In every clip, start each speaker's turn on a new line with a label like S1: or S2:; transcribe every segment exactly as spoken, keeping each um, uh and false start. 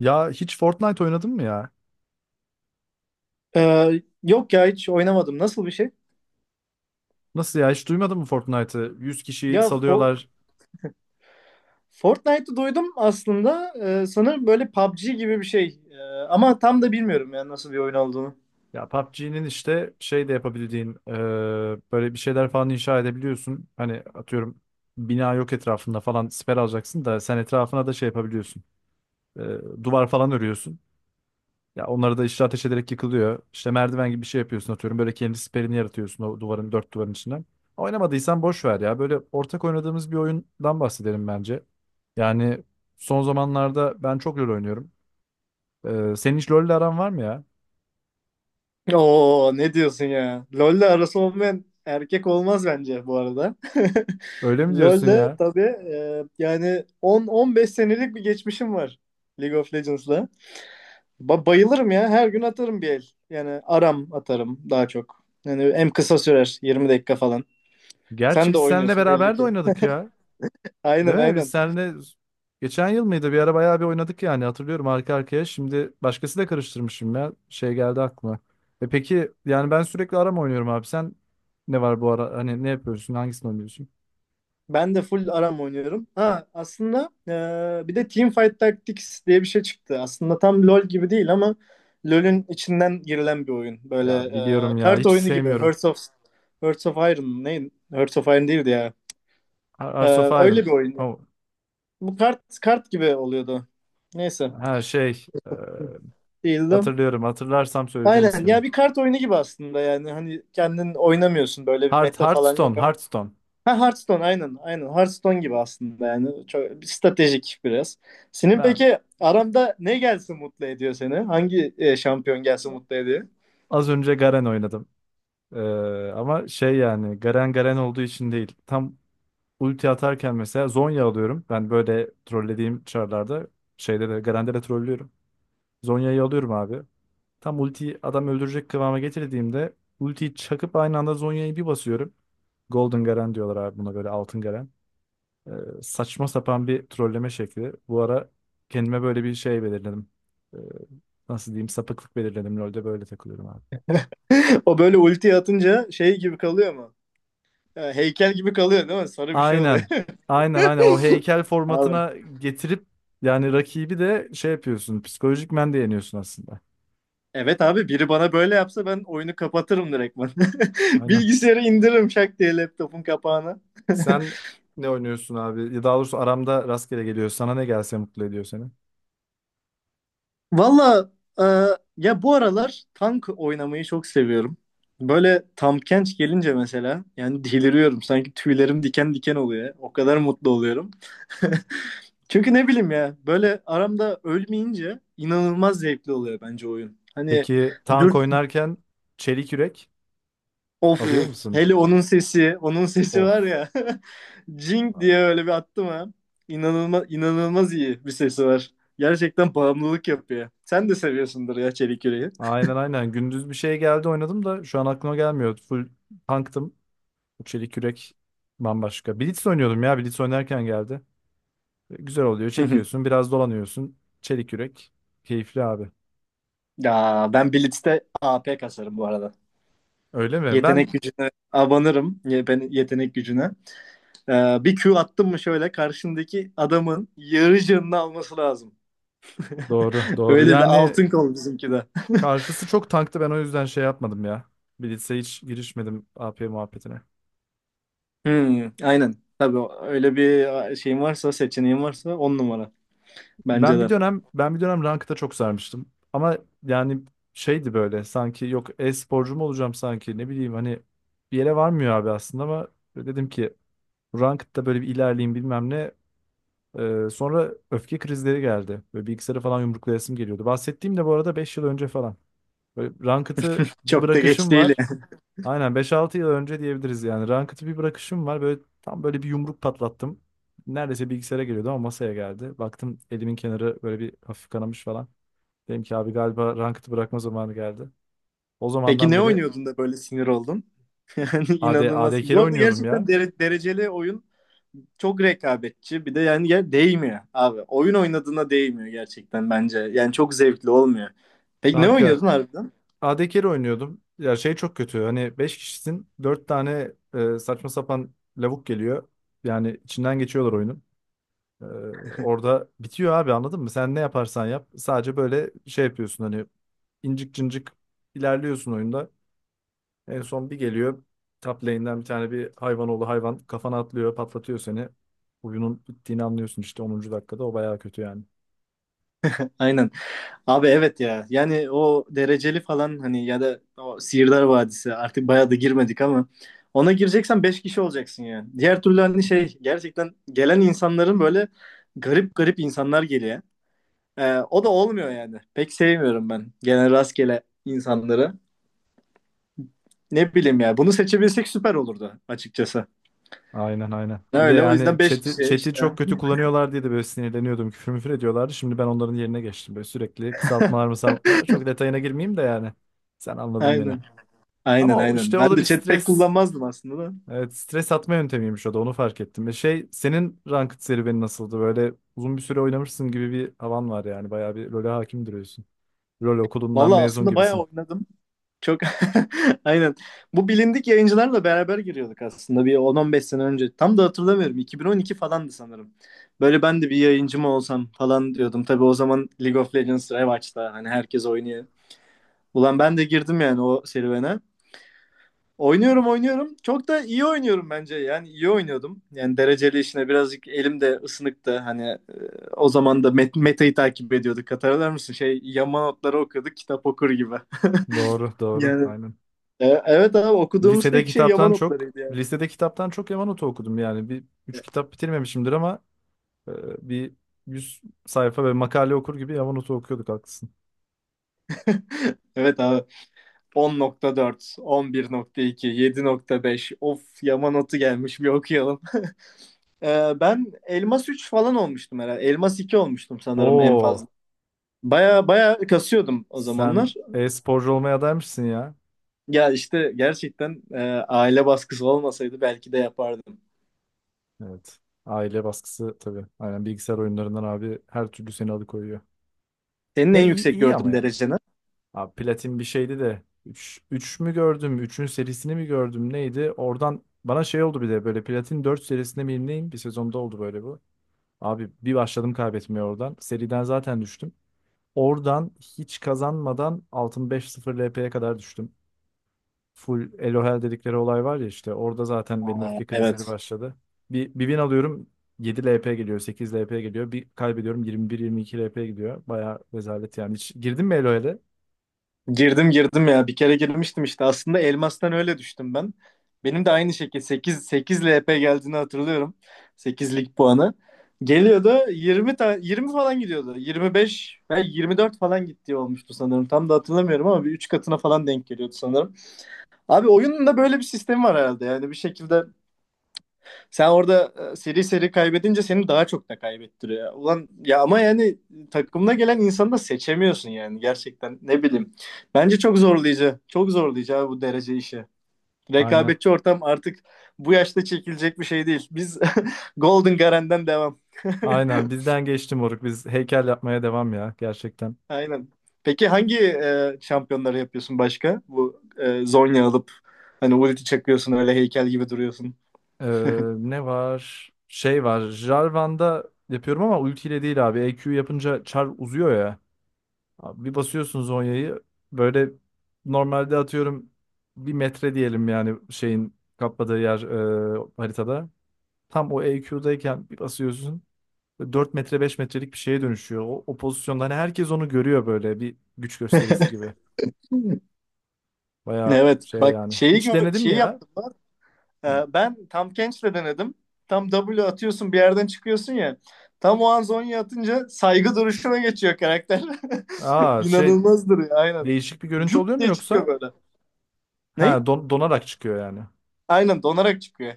S1: Ya hiç Fortnite oynadın mı ya?
S2: Ee, yok ya hiç oynamadım. Nasıl bir şey?
S1: Nasıl ya hiç duymadın mı Fortnite'ı? Yüz kişiyi
S2: Ya Fo-
S1: salıyorlar.
S2: Fortnite'ı duydum aslında. Ee, sanırım böyle P U B G gibi bir şey. Ee, ama tam da bilmiyorum ya nasıl bir oyun olduğunu.
S1: Ya P U B G'nin işte şey de yapabildiğin e, böyle bir şeyler falan inşa edebiliyorsun. Hani atıyorum bina yok etrafında falan siper alacaksın da sen etrafına da şey yapabiliyorsun. E, duvar falan örüyorsun. Ya onları da işte ateş ederek yıkılıyor. İşte merdiven gibi bir şey yapıyorsun atıyorum. Böyle kendi siperini yaratıyorsun o duvarın dört duvarın içine. Oynamadıysan boş ver ya. Böyle ortak oynadığımız bir oyundan bahsedelim bence. Yani son zamanlarda ben çok LoL oynuyorum. Ee, senin hiç LoL'le aran var mı ya?
S2: Oo, ne diyorsun ya? LoL'le arası olmayan erkek olmaz bence bu arada.
S1: Öyle mi diyorsun
S2: LoL'le
S1: ya?
S2: tabii e, yani on on beş senelik bir geçmişim var League of Legends'la. Ba- bayılırım ya. Her gün atarım bir el. Yani aram atarım daha çok. Yani en kısa sürer yirmi dakika falan.
S1: Gerçi
S2: Sen de
S1: biz seninle
S2: oynuyorsun belli
S1: beraber de
S2: ki.
S1: oynadık ya.
S2: Aynen,
S1: Değil mi? Biz
S2: aynen.
S1: seninle geçen yıl mıydı? Bir ara bayağı bir oynadık yani hatırlıyorum arka arkaya. Şimdi başkası da karıştırmışım ya. Şey geldi aklıma. E peki yani ben sürekli arama oynuyorum abi. Sen ne var bu ara? Hani ne yapıyorsun? Hangisini oynuyorsun?
S2: Ben de full ARAM oynuyorum. Ha, aslında e, bir de Teamfight Tactics diye bir şey çıktı. Aslında tam LoL gibi değil ama LoL'ün içinden girilen bir oyun. Böyle
S1: Ya biliyorum
S2: e,
S1: ya.
S2: kart
S1: Hiç
S2: oyunu gibi.
S1: sevmiyorum.
S2: Hearts of Hearts of Iron mı? Ne? Hearts of Iron değildi ya.
S1: Ar-
S2: E,
S1: Hearts of
S2: öyle
S1: Iron.
S2: bir oyun.
S1: Oh.
S2: Bu kart kart gibi oluyordu. Neyse.
S1: Ha şey. e,
S2: Değildi.
S1: hatırlıyorum. Hatırlarsam söyleyeceğim
S2: Aynen.
S1: ismini.
S2: Ya, bir kart oyunu gibi aslında yani. Hani kendin oynamıyorsun. Böyle bir
S1: Heart,
S2: meta falan
S1: Hearthstone.
S2: yok.
S1: Hearthstone.
S2: Ha, Hearthstone, aynen aynen Hearthstone gibi aslında, yani çok stratejik biraz. Senin
S1: Ben
S2: peki aramda ne gelsin mutlu ediyor seni? Hangi e, şampiyon gelsin mutlu ediyor?
S1: az önce Garen oynadım. E, ama şey yani Garen Garen olduğu için değil. Tam ulti atarken mesela Zhonya alıyorum. Ben böyle trollediğim çarlarda şeyde de Garen'de de trollüyorum. Zhonya'yı alıyorum abi. Tam ultiyi adam öldürecek kıvama getirdiğimde ultiyi çakıp aynı anda Zhonya'yı bir basıyorum. Golden Garen diyorlar abi buna böyle altın Garen. Ee, saçma sapan bir trolleme şekli. Bu ara kendime böyle bir şey belirledim. Ee, nasıl diyeyim sapıklık belirledim. LoL'de böyle takılıyorum abi.
S2: O böyle ulti atınca şey gibi kalıyor mu? E, heykel gibi kalıyor değil mi? Sarı bir şey oluyor.
S1: Aynen. Aynen aynen o heykel
S2: Abi.
S1: formatına getirip yani rakibi de şey yapıyorsun. Psikolojik men de yeniyorsun aslında.
S2: Evet abi, biri bana böyle yapsa ben oyunu kapatırım direktman.
S1: Aynen.
S2: Bilgisayarı indiririm şak diye laptopun kapağına.
S1: Sen ne oynuyorsun abi? Ya daha doğrusu aramda rastgele geliyor. Sana ne gelse mutlu ediyor seni.
S2: Valla e, ya bu aralar tank oynamayı çok seviyorum. Böyle Tampkench gelince mesela yani deliriyorum. Sanki tüylerim diken diken oluyor. O kadar mutlu oluyorum. Çünkü ne bileyim ya, böyle aramda ölmeyince inanılmaz zevkli oluyor bence oyun. Hani
S1: Peki tank
S2: dur,
S1: oynarken çelik yürek
S2: of,
S1: alıyor musun?
S2: hele onun sesi, onun sesi
S1: Of,
S2: var ya. Jing diye
S1: abi.
S2: öyle bir attım ha. İnanılmaz, inanılmaz iyi bir sesi var. Gerçekten bağımlılık yapıyor. Sen de seviyorsundur ya Çelik Yüreği.
S1: Aynen aynen. Gündüz bir şey geldi oynadım da şu an aklıma gelmiyor. Full tanktım. Bu çelik yürek bambaşka. Blitz oynuyordum ya. Blitz oynarken geldi. Güzel oluyor. Çekiyorsun, biraz dolanıyorsun. Çelik yürek. Keyifli abi.
S2: Ya, ben Blitz'te A P kasarım bu arada.
S1: Öyle mi?
S2: Yetenek
S1: Ben
S2: gücüne abanırım. Ye- Ben yetenek gücüne. Ee, bir Q attım mı şöyle karşındaki adamın yarı canını alması lazım.
S1: doğru, doğru.
S2: Öyle bir
S1: Yani
S2: altın kol bizimki de.
S1: karşısı çok tanktı. Ben o yüzden şey yapmadım ya. Blitz'e hiç girişmedim A P muhabbetine.
S2: Hmm, aynen. Tabii o- öyle bir şeyin varsa, seçeneğin varsa on numara. Bence
S1: Ben bir
S2: de.
S1: dönem ben bir dönem rankta çok sarmıştım. Ama yani şeydi böyle sanki yok e-sporcu mu olacağım sanki ne bileyim hani bir yere varmıyor abi aslında ama dedim ki rankta böyle bir ilerleyeyim bilmem ne. Ee, sonra öfke krizleri geldi. Böyle bilgisayarı falan yumruklayasım geliyordu. Bahsettiğim de bu arada beş yıl önce falan. Böyle Ranked'ı bir
S2: Çok da geç
S1: bırakışım
S2: değil
S1: var.
S2: yani.
S1: Aynen beş altı yıl önce diyebiliriz yani. Ranked'ı bir bırakışım var. Böyle tam böyle bir yumruk patlattım. Neredeyse bilgisayara geliyordu ama masaya geldi. Baktım elimin kenarı böyle bir hafif kanamış falan. Dedim ki abi galiba Ranked'ı bırakma zamanı geldi. O
S2: Peki
S1: zamandan
S2: ne
S1: beri
S2: oynuyordun da böyle sinir oldun? Yani
S1: A D, A D
S2: inanılmaz.
S1: carry
S2: Bu arada
S1: oynuyordum ya.
S2: gerçekten dere- dereceli oyun çok rekabetçi. Bir de yani, ya değmiyor abi. Oyun oynadığına değmiyor gerçekten bence. Yani çok zevkli olmuyor. Peki ne
S1: Kanka
S2: oynuyordun harbiden?
S1: A D carry oynuyordum. Ya şey çok kötü. Hani beş kişisin dört tane e, saçma sapan lavuk geliyor. Yani içinden geçiyorlar oyunun. Ee, orada bitiyor abi anladın mı? Sen ne yaparsan yap. Sadece böyle şey yapıyorsun hani incik cincik ilerliyorsun oyunda. En son bir geliyor. Top lane'den bir tane bir hayvan oğlu hayvan kafana atlıyor patlatıyor seni. Oyunun bittiğini anlıyorsun işte onuncu dakikada o bayağı kötü yani.
S2: Aynen. Abi, evet ya. Yani o dereceli falan, hani, ya da o Sihirdar Vadisi artık, bayağı da girmedik ama ona gireceksen beş kişi olacaksın yani. Diğer türlü hani şey, gerçekten gelen insanların böyle, garip garip insanlar geliyor. Ee, o da olmuyor yani. Pek sevmiyorum ben genel rastgele insanları. Ne bileyim ya. Bunu seçebilsek süper olurdu açıkçası.
S1: Aynen aynen. Bir de
S2: Öyle, o
S1: yani
S2: yüzden beş
S1: chat'i,
S2: kişi
S1: chat'i
S2: işte.
S1: çok kötü kullanıyorlar diye de böyle sinirleniyordum. Küfür müfür ediyorlardı. Şimdi ben onların yerine geçtim. Böyle sürekli kısaltmalar mısaltmalar. Çok detayına girmeyeyim de yani. Sen anladın beni.
S2: Aynen. Aynen,
S1: Ama o-
S2: aynen.
S1: işte o
S2: Ben
S1: da bir
S2: de chat pek
S1: stres.
S2: kullanmazdım aslında da.
S1: Evet stres atma yöntemiymiş o da onu fark ettim. Ve şey senin ranked serüvenin nasıldı? Böyle uzun bir süre oynamışsın gibi bir havan var yani. Bayağı bir LoL'e hakim duruyorsun. LoL okulundan
S2: Valla,
S1: mezun
S2: aslında bayağı
S1: gibisin.
S2: oynadım. Çok. Aynen. Bu bilindik yayıncılarla beraber giriyorduk aslında, bir on on beş sene önce. Tam da hatırlamıyorum. iki bin on iki falandı sanırım. Böyle ben de bir yayıncı mı olsam falan diyordum. Tabii o zaman League of Legends revaç'ta, hani herkes oynuyor. Ulan, ben de girdim yani o serüvene. Oynuyorum, oynuyorum. Çok da iyi oynuyorum bence. Yani iyi oynuyordum. Yani dereceli işine birazcık elim de ısınıktı. Hani e, o zaman da met metayı takip ediyorduk. Hatırlar mısın? Şey, yama notları okuduk kitap okur gibi.
S1: Doğru doğru
S2: Yani
S1: aynen.
S2: e, evet abi, okuduğumuz
S1: Lisede
S2: tek şey yama
S1: kitaptan çok
S2: notlarıydı yani.
S1: lisede kitaptan çok Yamanote okudum yani. Bir üç kitap bitirmemişimdir ama e, bir yüz sayfa ve makale okur gibi Yamanote okuyorduk haklısın.
S2: Evet abi, on nokta dört, on bir nokta iki, yedi nokta beş of, yama notu gelmiş bir okuyalım. Ee, ben Elmas üç falan olmuştum herhalde. Elmas iki olmuştum sanırım en fazla.
S1: Oo
S2: Baya baya kasıyordum o zamanlar.
S1: sen e-sporcu olmaya adaymışsın ya.
S2: Ya işte gerçekten e, aile baskısı olmasaydı belki de yapardım.
S1: Evet. Aile baskısı tabii. Aynen bilgisayar oyunlarından abi her türlü seni alıkoyuyor.
S2: Senin
S1: Ya
S2: en
S1: iyi
S2: yüksek
S1: iyi ama
S2: gördüğün
S1: ya.
S2: dereceni.
S1: Abi Platin bir şeydi de üç üç mü gördüm? Üçün serisini mi gördüm? Neydi? Oradan bana şey oldu bir de böyle Platin dört serisinde miyim neyim? Bir sezonda oldu böyle bu. Abi bir başladım kaybetmeye oradan. Seriden zaten düştüm. Oradan hiç kazanmadan altın beş sıfır L P'ye kadar düştüm. Full Elohel dedikleri olay var ya işte orada zaten benim
S2: Aa,
S1: öfke krizleri
S2: evet.
S1: başladı. Bir, bir win alıyorum yedi L P geliyor sekiz L P geliyor. Bir kaybediyorum yirmi bir yirmi iki L P gidiyor. Bayağı rezalet yani. Hiç girdin mi Elohel'e?
S2: Girdim, girdim ya. Bir kere girmiştim işte. Aslında elmastan öyle düştüm ben. Benim de aynı şekilde sekiz, 8 L P geldiğini hatırlıyorum. Sekizlik puanı geliyordu. Yirmi, ta yirmi falan gidiyordu. yirmi beş ve yirmi dört falan gittiği olmuştu sanırım. Tam da hatırlamıyorum ama bir üç katına falan denk geliyordu sanırım. Abi, oyunun da böyle bir sistemi var herhalde. Yani bir şekilde sen orada e, seri seri kaybedince seni daha çok da kaybettiriyor. Ulan ya, ama yani takımına gelen insanı da seçemiyorsun yani, gerçekten ne bileyim. Bence çok zorlayıcı. Çok zorlayıcı abi bu derece işi.
S1: Aynen.
S2: Rekabetçi ortam artık bu yaşta çekilecek bir şey değil. Biz. Golden Garen'den devam.
S1: Aynen bizden geçti moruk. Biz heykel yapmaya devam ya gerçekten.
S2: Aynen. Peki hangi e, şampiyonları yapıyorsun başka? Bu e, Zonya alıp hani ulti çakıyorsun öyle heykel gibi duruyorsun.
S1: Ee, ne var? Şey var. Jarvan'da yapıyorum ama ultiyle değil abi. E Q yapınca char uzuyor ya. Abi bir basıyorsun zonyayı böyle normalde atıyorum bir metre diyelim yani şeyin kapladığı yer e, haritada. Tam o E Q'dayken bir basıyorsun dört metre beş metrelik bir şeye dönüşüyor. O, o pozisyonda hani herkes onu görüyor böyle bir güç gösterisi gibi. Baya
S2: Evet
S1: şey
S2: bak,
S1: yani.
S2: şeyi
S1: Hiç
S2: gö-
S1: denedin mi
S2: şeyi
S1: ya?
S2: yaptım.
S1: Hı.
S2: Ee, ben tam Kench'le denedim. Tam W atıyorsun bir yerden çıkıyorsun ya. Tam o an Zonya atınca saygı duruşuna geçiyor karakter.
S1: Aa şey
S2: İnanılmaz duruyor, aynen.
S1: değişik bir görüntü oluyor
S2: Cuk
S1: mu
S2: diye çıkıyor
S1: yoksa?
S2: böyle. Ne?
S1: Ha don- donarak çıkıyor yani.
S2: Aynen, donarak çıkıyor.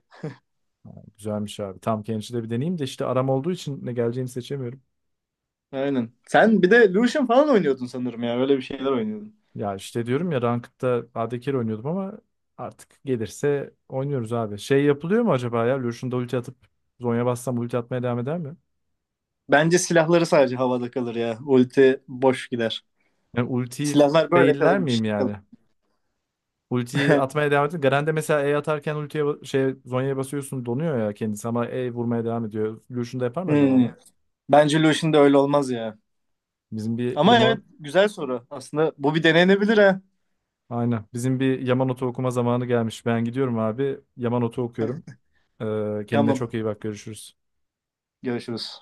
S1: Güzelmiş abi. Tam Kenji'de bir deneyeyim de işte aram olduğu için ne geleceğini seçemiyorum.
S2: Aynen. Sen bir de Lucian falan oynuyordun sanırım ya. Öyle bir şeyler oynuyordun.
S1: Ya işte diyorum ya Ranked'da A D oynuyordum ama artık gelirse oynuyoruz abi. Şey yapılıyor mu acaba ya? Lucian'da ulti atıp Zonya bassam ulti atmaya devam eder mi?
S2: Bence silahları sadece havada kalır ya. Ulti boş gider.
S1: Yani ultiyi
S2: Silahlar böyle
S1: failler
S2: kalır, bir
S1: miyim
S2: şey kalır.
S1: yani? Ultiyi atmaya devam ediyor. Garen'de mesela E atarken ultiye ba- şey Zhonya'ya basıyorsun donuyor ya kendisi ama E vurmaya devam ediyor. Lucian'da yapar mı acaba
S2: Hmm.
S1: onu?
S2: Bence Lucian'da öyle olmaz ya.
S1: Bizim bir
S2: Ama evet,
S1: Yaman
S2: güzel soru. Aslında bu bir denenebilir ha.
S1: Aynen. Bizim bir Yamanote okuma zamanı gelmiş. Ben gidiyorum abi. Yamanote okuyorum. Ee, kendine
S2: Tamam.
S1: çok iyi bak görüşürüz.
S2: Görüşürüz.